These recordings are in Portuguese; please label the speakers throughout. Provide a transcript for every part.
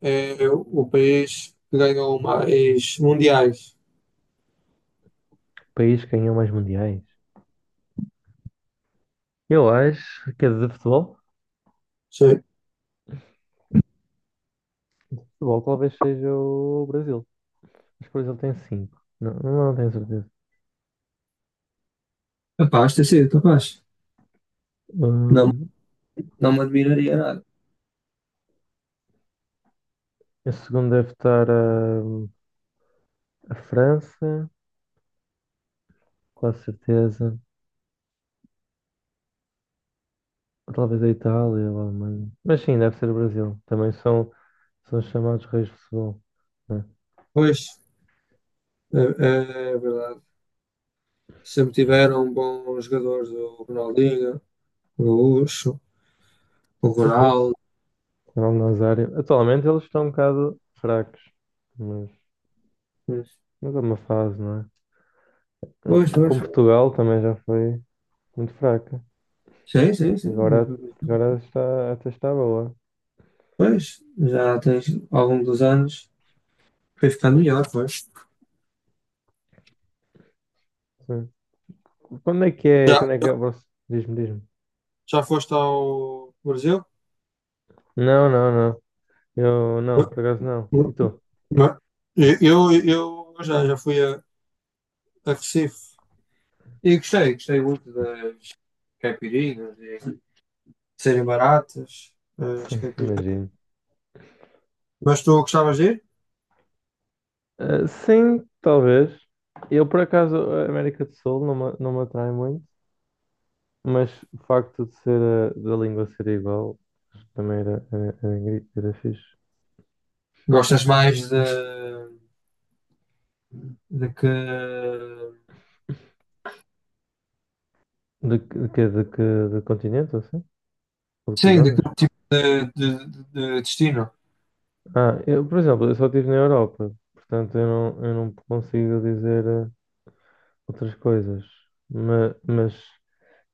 Speaker 1: É o país que ganhou mais mundiais.
Speaker 2: País que ganhou mais mundiais? Eu acho que é de futebol.
Speaker 1: Sim.
Speaker 2: Futebol talvez seja o Brasil. Mas o Brasil tem cinco. Não, não tenho certeza.
Speaker 1: Capaz de ter sido, capaz. Não,
Speaker 2: Hum,
Speaker 1: não me admiraria nada.
Speaker 2: a segunda deve estar a França, quase certeza. Ou talvez a Itália ou a Alemanha. Mas sim, deve ser o Brasil. Também são os chamados reis de futebol, né?
Speaker 1: Pois, é verdade. Sempre tiveram bons jogadores, o Ronaldinho, o Gaúcho, o
Speaker 2: Sim, sim.
Speaker 1: Ronaldo.
Speaker 2: Ronaldo Nazário. Atualmente eles estão um bocado fracos. Mas,
Speaker 1: Pois,
Speaker 2: mas é uma fase, não é?
Speaker 1: pois,
Speaker 2: Com
Speaker 1: pois.
Speaker 2: Portugal também já foi muito fraca.
Speaker 1: Sim, sim, sim.
Speaker 2: Agora, agora está, até está boa.
Speaker 1: Pois, já tens, ao longo dos anos, foi ficando melhor, pois.
Speaker 2: Sim. Quando é que é?
Speaker 1: Já,
Speaker 2: Quando é que é? Diz-me, diz-me.
Speaker 1: já foste ao Brasil?
Speaker 2: Não, não, não. Eu não, por acaso não. E tu?
Speaker 1: Não. Eu já fui a Recife. E gostei muito das caipirinhas e de serem baratas, as
Speaker 2: Sim,
Speaker 1: caipirinhas.
Speaker 2: imagino.
Speaker 1: Mas tu gostavas de ir?
Speaker 2: Ah, sim, talvez. Eu, por acaso, a América do Sul não me, atrai muito, mas o facto de ser da língua ser igual também era fixe.
Speaker 1: Gostas mais de que.
Speaker 2: De, que- de, que, de, que, de continente, ou assim? Ou de que
Speaker 1: Sim, de que
Speaker 2: zonas?
Speaker 1: tipo de destino?
Speaker 2: Ah, eu, por exemplo, eu só estive na Europa, portanto eu não, consigo dizer outras coisas. Mas,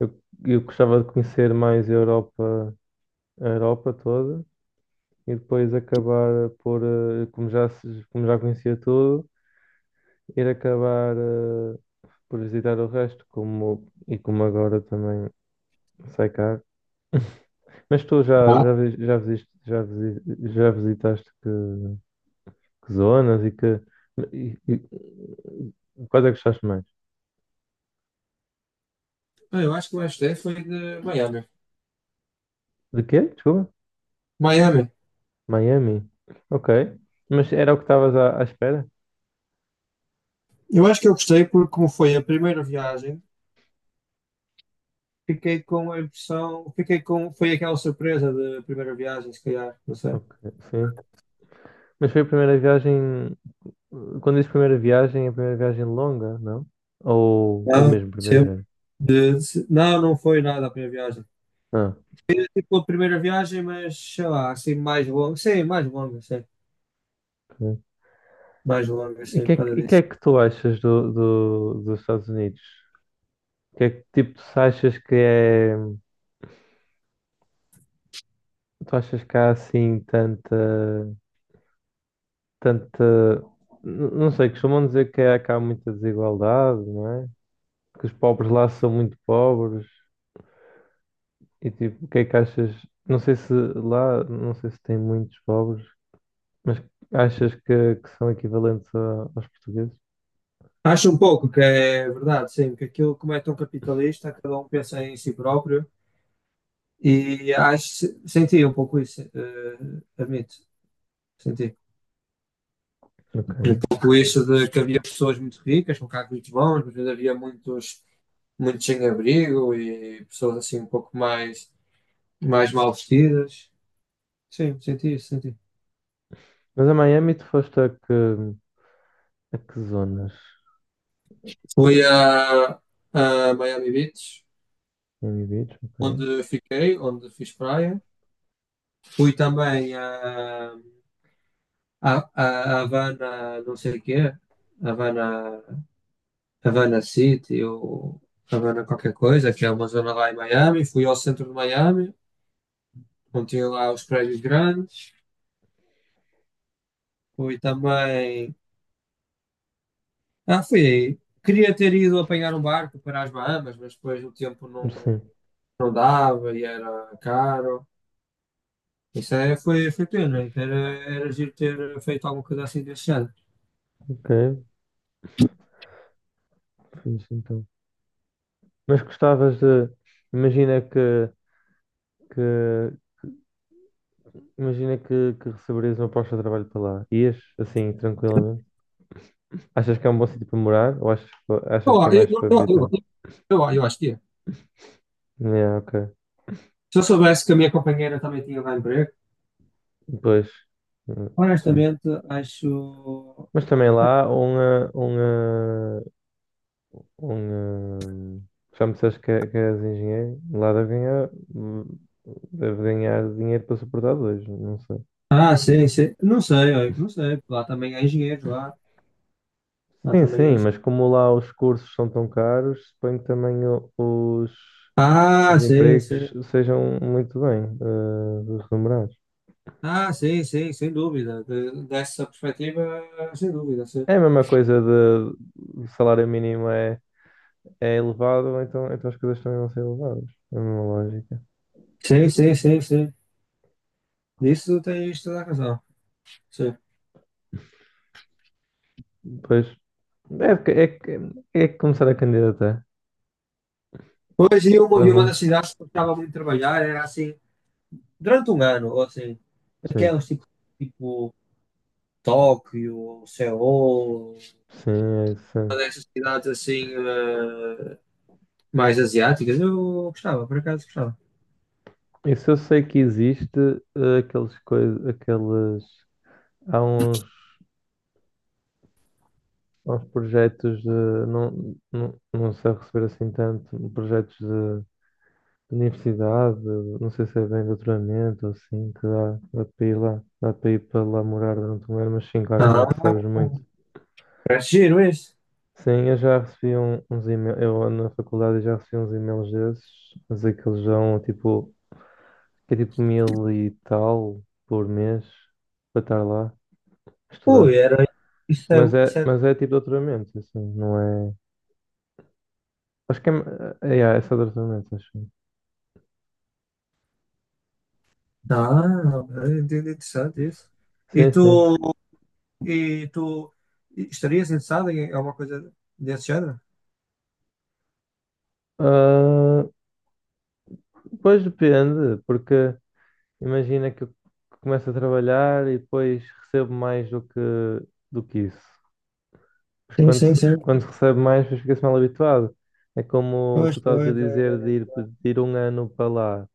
Speaker 2: eu gostava de conhecer mais a Europa toda e depois acabar por, como já, se- como já conhecia tudo, ir acabar por visitar o resto, como, e como agora também sai caro. Mas tu já,
Speaker 1: Ah,
Speaker 2: já, vi- já, visiste, já, visi- já visitaste que zonas e que. E quais é que gostaste mais?
Speaker 1: Eu acho que mais gostei foi de Miami.
Speaker 2: De quê? Desculpa?
Speaker 1: Miami.
Speaker 2: Miami. Ok. Mas era o que estavas à espera?
Speaker 1: Eu acho que eu gostei porque, como foi a primeira viagem, fiquei com a impressão. Fiquei com. Foi aquela surpresa da primeira viagem, se calhar, não sei.
Speaker 2: Ok, sim. Mas foi a primeira viagem. Quando diz primeira viagem, é a primeira viagem longa, não? Ou
Speaker 1: Não,
Speaker 2: mesmo primeira
Speaker 1: sim.
Speaker 2: viagem?
Speaker 1: Não foi nada a primeira viagem.
Speaker 2: Ah,
Speaker 1: Tipo, a primeira viagem, mas sei lá, assim mais longa. Sim, mais longa, sim.
Speaker 2: ok.
Speaker 1: Mais longa,
Speaker 2: E o
Speaker 1: sim,
Speaker 2: que, é
Speaker 1: por causa
Speaker 2: que, e que
Speaker 1: disso.
Speaker 2: é que tu achas dos Estados Unidos? Que é que tipo tu achas que é. Tu achas que há assim tanta. Não sei, costumam dizer que há muita desigualdade, não é? Que os pobres lá são muito pobres. E tipo, o que é que achas? Não sei se tem muitos pobres. Mas achas que são equivalentes aos portugueses?
Speaker 1: Acho um pouco que é verdade, sim, que aquilo, como é tão capitalista, cada um pensa em si próprio e acho, senti um pouco isso, admito, senti. Um
Speaker 2: Ok.
Speaker 1: pouco isso de que havia pessoas muito ricas, com carros muito bons, mas ainda havia muitos, muitos sem abrigo e pessoas assim um pouco mais mal vestidas. Sim, senti isso, senti.
Speaker 2: Mas a Miami tu foste a que, zonas?
Speaker 1: Fui a, Miami Beach,
Speaker 2: Miami Beach, ok.
Speaker 1: onde fiquei, onde fiz praia. Fui também a Havana, não sei o quê, Havana, Havana City ou Havana qualquer coisa, que é uma zona lá em Miami. Fui ao centro de Miami, onde tinha lá os prédios grandes. Fui também. Ah, fui aí. Queria ter ido apanhar um barco para as Bahamas, mas depois o tempo não,
Speaker 2: Sim,
Speaker 1: não dava e era caro. Isso foi pena. Então era giro ter feito alguma coisa assim desse ano.
Speaker 2: ok. Fiz então. Mas gostavas de... Imagina que, que, imagina que receberias uma proposta de trabalho para lá. Ias, assim, tranquilamente? Achas que é um bom sítio para morar ou achas que
Speaker 1: Ó,
Speaker 2: é
Speaker 1: Eu,
Speaker 2: mais
Speaker 1: eu,
Speaker 2: para
Speaker 1: eu, eu,
Speaker 2: visitar?
Speaker 1: eu, eu acho que ia.
Speaker 2: É, ok.
Speaker 1: Se eu soubesse que a minha companheira também tinha lá emprego,
Speaker 2: Depois...
Speaker 1: honestamente, acho.
Speaker 2: Mas também lá, Um, hum, já me disseste que és engenheiro, lá hum, deve ganhar dinheiro para suportar dois, não sei.
Speaker 1: Ah, sim, sim. Não sei, olha, não sei. Lá também há engenheiros, lá. Lá
Speaker 2: Sim,
Speaker 1: também há
Speaker 2: sim, mas
Speaker 1: engenheiros.
Speaker 2: como lá os cursos são tão caros, suponho que também o- os,
Speaker 1: Ah,
Speaker 2: os
Speaker 1: sim,
Speaker 2: empregos
Speaker 1: sim.
Speaker 2: sejam muito bem remunerados.
Speaker 1: Ah, sim, sim, sem dúvida. Dessa perspectiva, sem dúvida, sim.
Speaker 2: É a mesma coisa de o salário mínimo é elevado, então as coisas também vão ser elevadas. É a mesma lógica.
Speaker 1: Sim, sim, sim, sim. Nisso tens toda a razão. Sim.
Speaker 2: Pois é, que- é, que- é que começar a candidatar
Speaker 1: Pois, e uma,
Speaker 2: para
Speaker 1: e uma das
Speaker 2: lá.
Speaker 1: cidades que eu gostava muito de trabalhar era assim, durante um ano, ou assim,
Speaker 2: Sim.
Speaker 1: aquelas tipo, Tóquio, Seul,
Speaker 2: Sim, é isso. É.
Speaker 1: cidades assim mais asiáticas. Eu gostava, por acaso gostava.
Speaker 2: Isso eu sei que existe, aqueles coisas, aqueles, há uns, há uns projetos de, não, não, não sei receber assim tanto, projetos de universidade, não sei se é bem doutoramento, ou assim, que dá para ir lá, dá para ir para lá morar durante um ano, mas sim, claro que não
Speaker 1: Ah,
Speaker 2: recebes muito.
Speaker 1: parece giro isso.
Speaker 2: Sim, eu já recebi uns e-mails, eu na faculdade já recebi uns e-mails desses, mas aqueles já tipo, que é tipo mil e tal por mês para estar lá a estudar.
Speaker 1: Ui, era. Isso é,
Speaker 2: Mas é,
Speaker 1: isso é...
Speaker 2: mas é tipo doutoramento, assim, não é. Acho que é só doutoramento, acho.
Speaker 1: Ah, é interessante isso. E
Speaker 2: Sim, sim.
Speaker 1: tu, e tu estarias interessado em alguma coisa desse género?
Speaker 2: Ah, pois depende, porque imagina que eu começo a trabalhar e depois recebo mais do que isso. Mas
Speaker 1: Sim,
Speaker 2: quando,
Speaker 1: sim,
Speaker 2: se- quando
Speaker 1: sim.
Speaker 2: se recebe mais, depois fica-se mal habituado. É como
Speaker 1: Pois,
Speaker 2: tu estás a
Speaker 1: pois, é,
Speaker 2: dizer de ir, um ano para lá.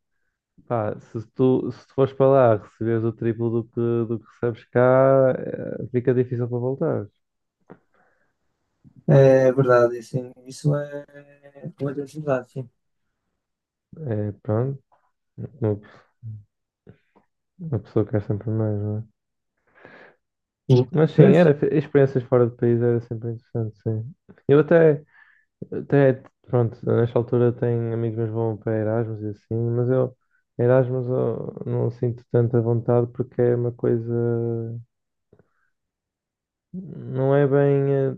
Speaker 2: Pá, se tu fores para lá receberes o triplo do que recebes cá, fica difícil para voltar.
Speaker 1: é é verdade, sim. Isso é uma verdade, sim.
Speaker 2: É, pronto, uma, uma pessoa quer sempre mais, não é?
Speaker 1: Sim.
Speaker 2: Mas sim,
Speaker 1: Pois?
Speaker 2: experiências fora do país era sempre interessante, sim. Eu até, pronto, nesta altura tenho amigos meus que vão para Erasmus e assim, mas eu, Erasmus eu não sinto tanta vontade porque é uma coisa, não é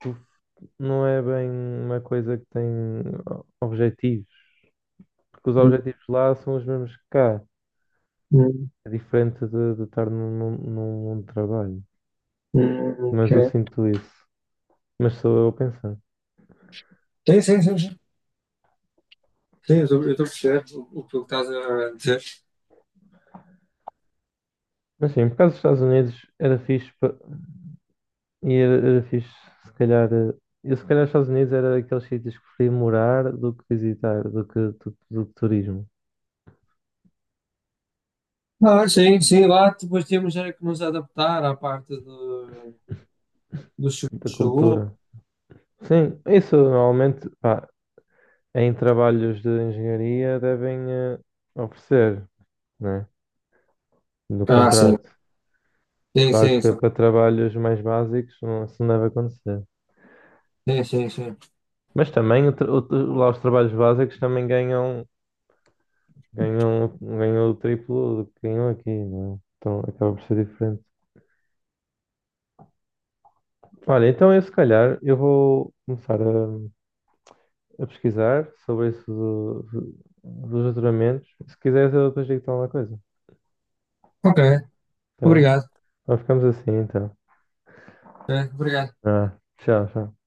Speaker 2: tu- bem uma coisa que tem objetivo. Porque os objetivos lá são os mesmos que cá.
Speaker 1: Hum,
Speaker 2: É diferente de estar num mundo de trabalho.
Speaker 1: ok.
Speaker 2: Mas eu sinto isso. Mas sou eu a pensar.
Speaker 1: Sim, sim, sim, sim. Sim, eu estou a perceber o que tu estás a dizer.
Speaker 2: Mas sim, por causa dos Estados Unidos era fixe e era fixe se calhar. Eu se calhar os Estados Unidos era daqueles sítios que preferia morar do que visitar, do que turismo,
Speaker 1: Ah, sim, sim, lá depois temos era que nos adaptar à parte do seguro
Speaker 2: da
Speaker 1: de saúde.
Speaker 2: cultura. Sim, isso normalmente pá, em trabalhos de engenharia devem oferecer, né? No
Speaker 1: Ah, sim.
Speaker 2: contrato.
Speaker 1: Sim,
Speaker 2: Claro
Speaker 1: sim,
Speaker 2: que
Speaker 1: sim,
Speaker 2: para trabalhos mais básicos não, isso não deve acontecer.
Speaker 1: sim, sim. Sim.
Speaker 2: Mas também lá os trabalhos básicos também ganham o triplo do que ganham aqui, não é? Então acaba por ser diferente. Olha, então eu se calhar eu vou começar a pesquisar sobre isso dos juramentos. Se quiseres eu depois digo-te alguma coisa,
Speaker 1: Ok,
Speaker 2: tá?
Speaker 1: obrigado.
Speaker 2: Então ficamos assim então.
Speaker 1: É, obrigado.
Speaker 2: Ah, tchau, tchau.